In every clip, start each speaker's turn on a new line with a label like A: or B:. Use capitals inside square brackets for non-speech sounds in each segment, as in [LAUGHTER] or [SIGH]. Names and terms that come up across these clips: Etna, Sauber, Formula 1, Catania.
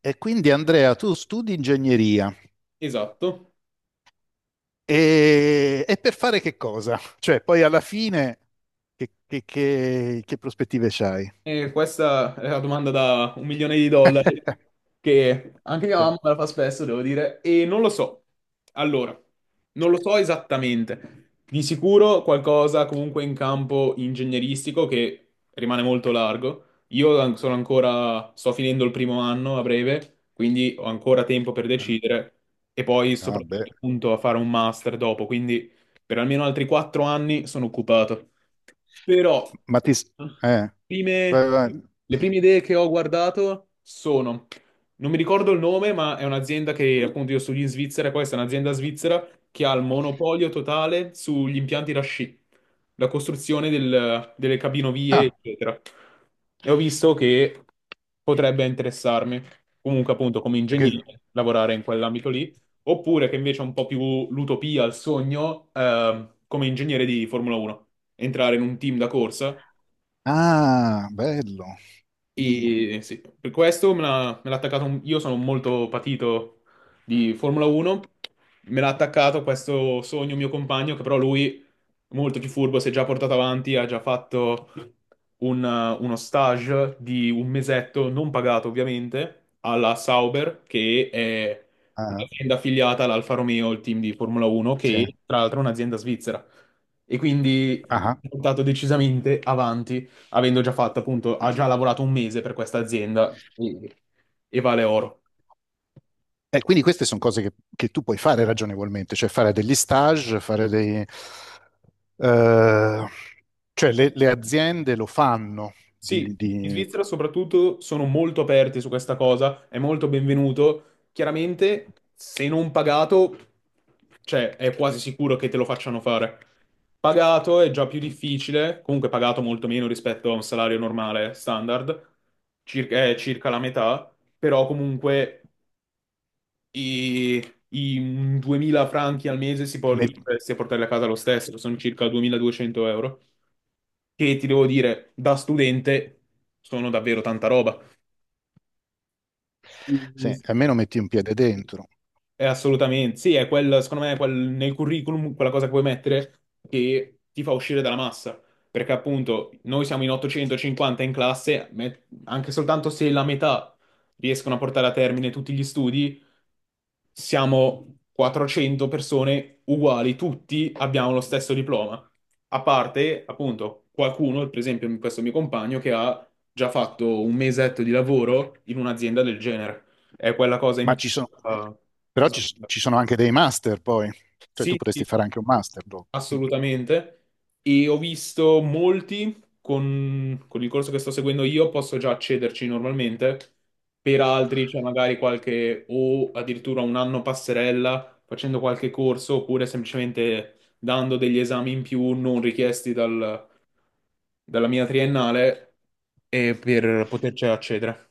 A: E quindi Andrea, tu studi ingegneria
B: Esatto,
A: e per fare che cosa? Cioè, poi alla fine che prospettive c'hai?
B: e questa è la domanda da un milione di dollari
A: [LAUGHS]
B: che anche mia mamma me la fa spesso, devo dire, e non lo so. Allora, non lo so esattamente. Di sicuro qualcosa comunque in campo ingegneristico, che rimane molto largo. Sono ancora, sto finendo il primo anno a breve, quindi ho ancora tempo per decidere e poi
A: Ah, beh,
B: soprattutto appunto a fare un master dopo, quindi per almeno altri quattro anni sono occupato. Però
A: ma ti... eh, vai,
B: prime-
A: vai.
B: le prime idee che ho guardato sono, non mi ricordo il nome, ma è un'azienda che appunto io studio in Svizzera, questa è un'azienda svizzera che ha il monopolio totale sugli impianti da sci, la costruzione delle cabinovie,
A: Ah,
B: eccetera. E ho visto che potrebbe interessarmi, comunque appunto come
A: perché-
B: ingegnere, lavorare in quell'ambito lì, oppure che invece è un po' più l'utopia, il sogno, come ingegnere di Formula 1, entrare in un team da corsa.
A: ah, bello. Mm,
B: E sì, per questo me l'ha attaccato. Io sono molto patito di Formula 1. Me l'ha attaccato questo sogno mio compagno, che però lui, molto più furbo, si è già portato avanti. Ha già fatto uno stage di un mesetto, non pagato ovviamente, alla Sauber, che è
A: ah,
B: un'azienda affiliata all'Alfa Romeo, il team di Formula 1,
A: sì.
B: che tra l'altro è un'azienda svizzera. E quindi
A: Ah.
B: è portato decisamente avanti avendo già fatto appunto, ha già lavorato un mese per questa azienda. Sì, e vale oro.
A: E quindi queste sono cose che tu puoi fare ragionevolmente, cioè fare degli stage, fare dei... eh, cioè le aziende lo fanno,
B: Sì,
A: di,
B: in
A: di-
B: Svizzera soprattutto sono molto aperti su questa cosa, è molto benvenuto. Chiaramente, se non pagato, cioè è quasi sicuro che te lo facciano fare. Pagato è già più difficile, comunque pagato molto meno rispetto a un salario normale standard, circa, è circa la metà, però comunque e 2000 franchi al mese
A: met-
B: riusciresti a portarli a casa lo stesso, sono circa 2200 euro, che ti devo dire, da studente sono davvero tanta roba.
A: Sì, almeno metti un piede dentro.
B: Assolutamente, sì, è quel, secondo me, è quel, nel curriculum quella cosa che puoi mettere che ti fa uscire dalla massa, perché appunto noi siamo in 850 in classe, anche soltanto se la metà riescono a portare a termine tutti gli studi, siamo 400 persone uguali, tutti abbiamo lo stesso diploma, a parte appunto qualcuno, per esempio questo mio compagno, che ha già fatto un mesetto di lavoro in un'azienda del genere, è quella cosa in
A: Ma
B: più.
A: ci sono,
B: Ah,
A: però
B: s-
A: ci, s- ci sono anche dei master poi, cioè tu
B: sì,
A: potresti
B: sì,
A: fare anche un master dopo. Mm.
B: assolutamente. E ho visto molti con il corso che sto seguendo io, posso già accederci normalmente. Per altri c'è magari qualche o addirittura un anno passerella facendo qualche corso, oppure semplicemente dando degli esami in più non richiesti dalla mia triennale e per poterci accedere.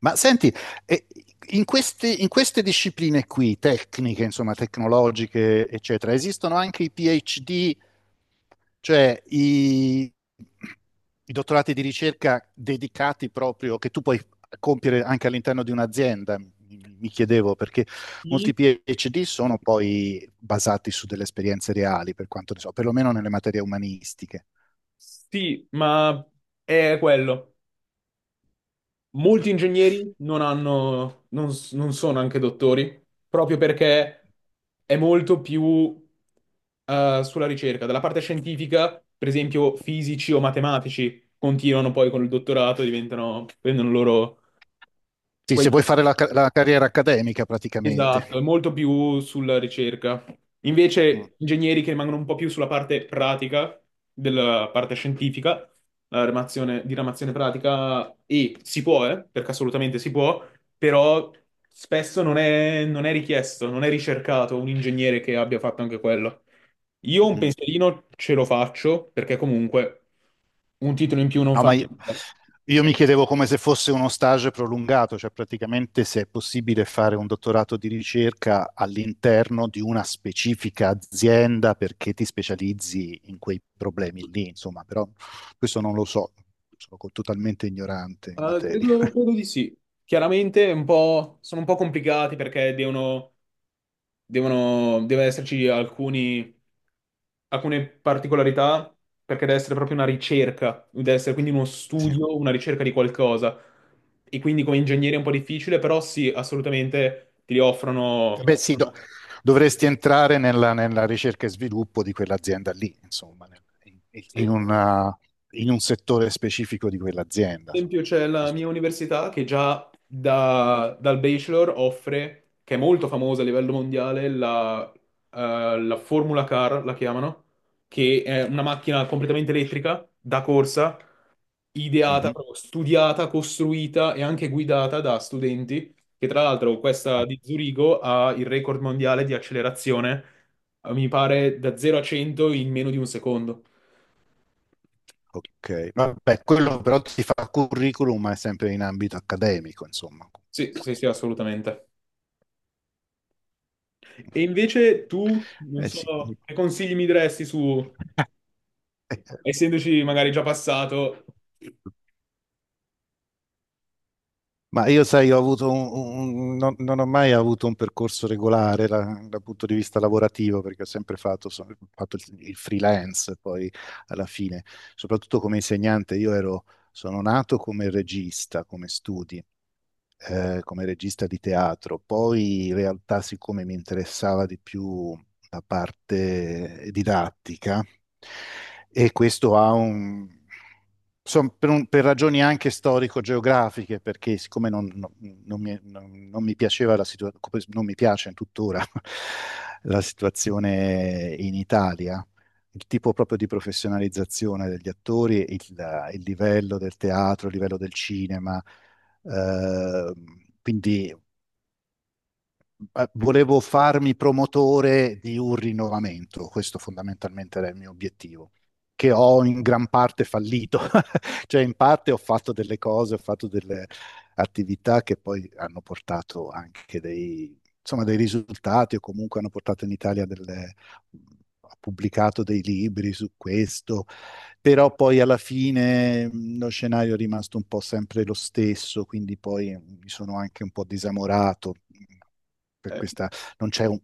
A: Ma senti, eh, in queste discipline qui, tecniche, insomma, tecnologiche, eccetera, esistono anche i PhD. Cioè, i dottorati di ricerca dedicati proprio, che tu puoi compiere anche all'interno di un'azienda, mi chiedevo, perché
B: Sì,
A: molti PhD sono poi basati su delle esperienze reali, per quanto ne so, perlomeno nelle materie umanistiche.
B: sì, ma è quello. Molti ingegneri non hanno, non, non sono anche dottori, proprio perché è molto più sulla ricerca. Dalla parte scientifica, per esempio, fisici o matematici continuano poi con il dottorato, e diventano, prendono loro
A: Sì,
B: quei...
A: se vuoi fare la, la carriera accademica praticamente.
B: Esatto, è molto più sulla ricerca.
A: Mm,
B: Invece, ingegneri che rimangono un po' più sulla parte pratica, della parte scientifica, la diramazione pratica, e si può, perché assolutamente si può, però spesso non è, non è richiesto, non è ricercato un ingegnere che abbia fatto anche quello. Io un
A: mm.
B: pensierino ce lo faccio, perché comunque un titolo in più non
A: No, ma
B: fa male.
A: io mi chiedevo come se fosse uno stage prolungato, cioè praticamente se è possibile fare un dottorato di ricerca all'interno di una specifica azienda perché ti specializzi in quei problemi lì, insomma, però questo non lo so, sono totalmente ignorante in materia.
B: Credo, credo
A: [LAUGHS]
B: di sì. Chiaramente è un po'- sono un po' complicati perché deve esserci alcuni, alcune particolarità, perché deve essere proprio una ricerca, deve essere quindi uno
A: Sì.
B: studio, una ricerca di qualcosa. E quindi come ingegnere è un po' difficile, però sì, assolutamente ti offrono.
A: Beh, sì, dovresti entrare nella, nella ricerca e sviluppo di quell'azienda lì, insomma, in,
B: Sì.
A: in
B: Per
A: una- in un settore specifico di quell'azienda, insomma,
B: esempio c'è
A: nello
B: la mia
A: sviluppo.
B: università che già dal bachelor offre, che è molto famosa a livello mondiale, la, la Formula Car, la chiamano, che è una macchina completamente elettrica da corsa ideata,
A: Mhm.
B: proprio studiata, costruita e anche guidata da studenti, che tra l'altro questa
A: Ah.
B: di Zurigo ha il record mondiale di accelerazione, mi pare da 0 a 100 in meno di un secondo.
A: Ok, vabbè, quello però ti fa curriculum, ma è sempre in ambito accademico, insomma.
B: Sì, sì, sì, assolutamente. E invece tu, non
A: Eh
B: so,
A: sì.
B: che consigli mi diresti su,
A: [LAUGHS]
B: essendoci magari già passato,
A: Ma io, sai, ho avuto non, non ho mai avuto un percorso regolare da, dal punto di vista lavorativo, perché ho sempre fatto, fatto il freelance, poi alla fine, soprattutto come insegnante, sono nato come regista, come studi, come regista di teatro, poi in realtà siccome mi interessava di più la parte didattica e questo ha un... Insomma, per ragioni anche storico-geografiche, perché siccome non non mi piaceva la situazione, non mi piace tuttora [LAUGHS] la situazione in Italia, il tipo proprio di professionalizzazione degli attori, il livello del teatro, il livello del cinema, ehm, quindi volevo farmi promotore di un rinnovamento, questo fondamentalmente era il mio obiettivo, che ho in gran parte fallito, [LAUGHS] cioè in parte ho fatto delle cose, ho fatto delle attività che poi hanno portato anche dei, insomma, dei risultati o comunque hanno portato in Italia delle... Ho pubblicato dei libri su questo, però poi alla fine lo scenario è rimasto un po' sempre lo stesso, quindi poi mi sono anche un po' disamorato per
B: eh,
A: questa, non c'è un,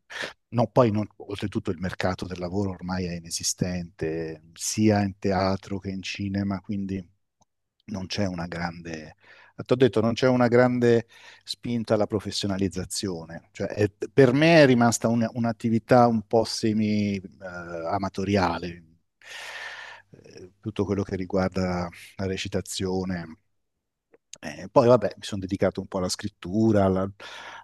A: no, poi non- oltretutto il mercato del lavoro ormai è inesistente, sia in teatro che in cinema, quindi non c'è una grande, ti ho detto, non c'è una grande spinta alla professionalizzazione, cioè è- per me è rimasta un'attività un po' semi, amatoriale, eh, tutto quello che riguarda la recitazione. Poi vabbè, mi sono dedicato un po' alla scrittura, alla-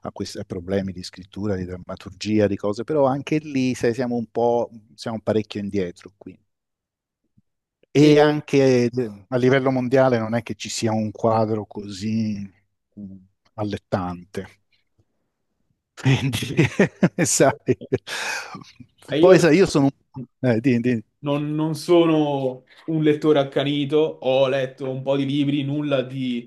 A: a questi a problemi di scrittura, di drammaturgia, di cose, però anche lì, sai, siamo parecchio indietro qui.
B: e,
A: E anche a livello mondiale non è che ci sia un quadro così mm, allettante. Quindi, [LAUGHS] sai.
B: e io...
A: Poi, sai, io sono un...
B: Non, non sono un lettore accanito, ho letto un po' di libri,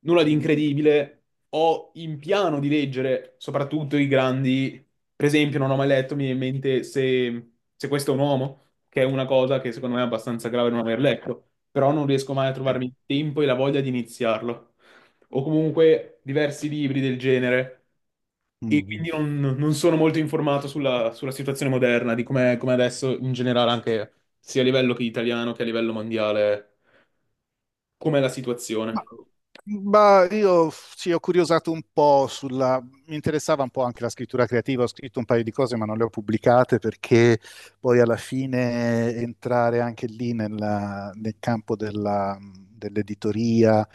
B: nulla di
A: mm,
B: incredibile. Ho in piano di leggere soprattutto i grandi. Per esempio, non ho mai letto, mi viene in mente se, se questo è un uomo, che è una cosa che secondo me è abbastanza grave non aver letto, però non riesco mai a
A: sì.
B: trovarmi il tempo e la voglia di iniziarlo. O comunque diversi libri del genere.
A: Mm.
B: E
A: Mm.
B: quindi non, non sono molto informato sulla, sulla situazione moderna, di com'è com'è adesso in generale, anche sia a livello che italiano che a livello mondiale, com'è la
A: Ma,
B: situazione.
A: ma io sì, ho curiosato un po' sulla... Mi interessava un po' anche la scrittura creativa, ho scritto un paio di cose ma non le ho pubblicate perché poi alla fine entrare anche lì nel campo dell'editoria,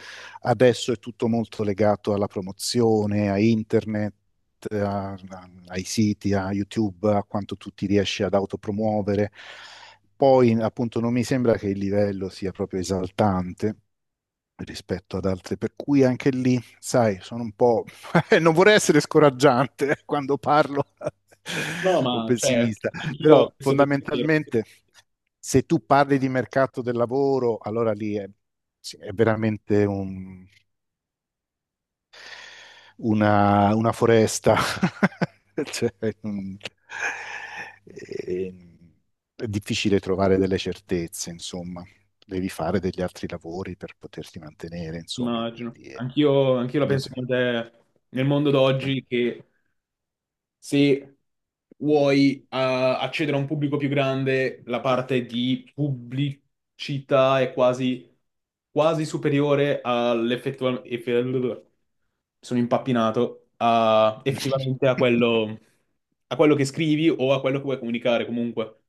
A: adesso è tutto molto legato alla promozione, a internet, ai siti, a YouTube, a quanto tu ti riesci ad autopromuovere. Poi appunto non mi sembra che il livello sia proprio esaltante rispetto ad altre, per cui anche lì, sai, sono un po'... [LAUGHS] non vorrei essere scoraggiante quando parlo
B: No,
A: [LAUGHS] o
B: ma cioè,
A: pessimista,
B: anch'io ho
A: però
B: questo pensiero,
A: fondamentalmente se tu parli di mercato del lavoro, allora lì è, sì, è veramente un una foresta. [LAUGHS] Cioè, mm, e- è difficile trovare delle certezze, insomma. Devi fare degli altri lavori per poterti mantenere, insomma.
B: immagino.
A: Quindi,
B: Anch'io la
A: quando
B: penso come te nel mondo d'oggi, che se vuoi accedere a un pubblico più grande, la parte di pubblicità è quasi, quasi superiore all'effettivamente... Sono impappinato a, effettivamente
A: [LAUGHS]
B: a quello che scrivi o a quello che vuoi comunicare comunque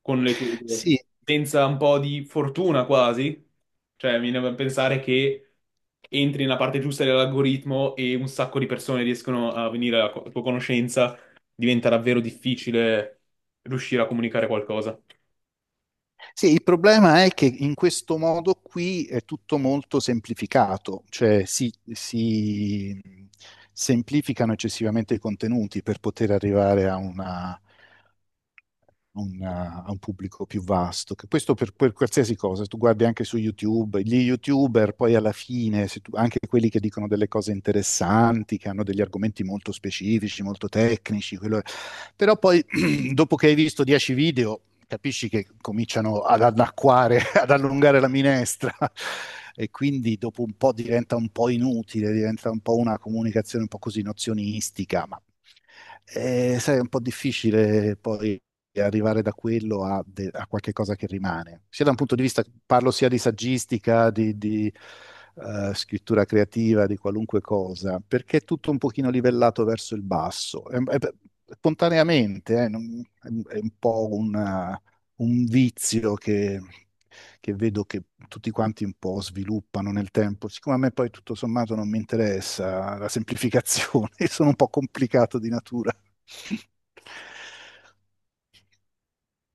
B: con le tue idee.
A: Sì,
B: Senza un po' di fortuna quasi, cioè mi viene da pensare che entri nella parte giusta dell'algoritmo e un sacco di persone riescono a venire alla tua conoscenza, diventa davvero difficile riuscire a comunicare qualcosa.
A: sì, il problema è che in questo modo qui è tutto molto semplificato, cioè si semplificano eccessivamente i contenuti per poter arrivare a a un pubblico più vasto. Che questo per qualsiasi cosa, tu guardi anche su YouTube, gli YouTuber poi alla fine, se anche quelli che dicono delle cose interessanti, che hanno degli argomenti molto specifici, molto tecnici, quello- però poi, [CLEARS THROAT] dopo che hai visto 10 video, capisci che cominciano ad anacquare, [LAUGHS] ad allungare la minestra e quindi dopo un po' diventa un po' inutile, diventa un po' una comunicazione un po' così nozionistica, ma sai, è un po' difficile poi arrivare da quello a qualche cosa che rimane, sia da un punto di vista, parlo sia di saggistica, scrittura creativa, di qualunque cosa, perché è tutto un pochino livellato verso il basso. Spontaneamente, è un po' un vizio che vedo che tutti quanti un po' sviluppano nel tempo. Siccome a me poi tutto sommato non mi interessa la semplificazione, [LAUGHS] sono un po' complicato di natura. [LAUGHS]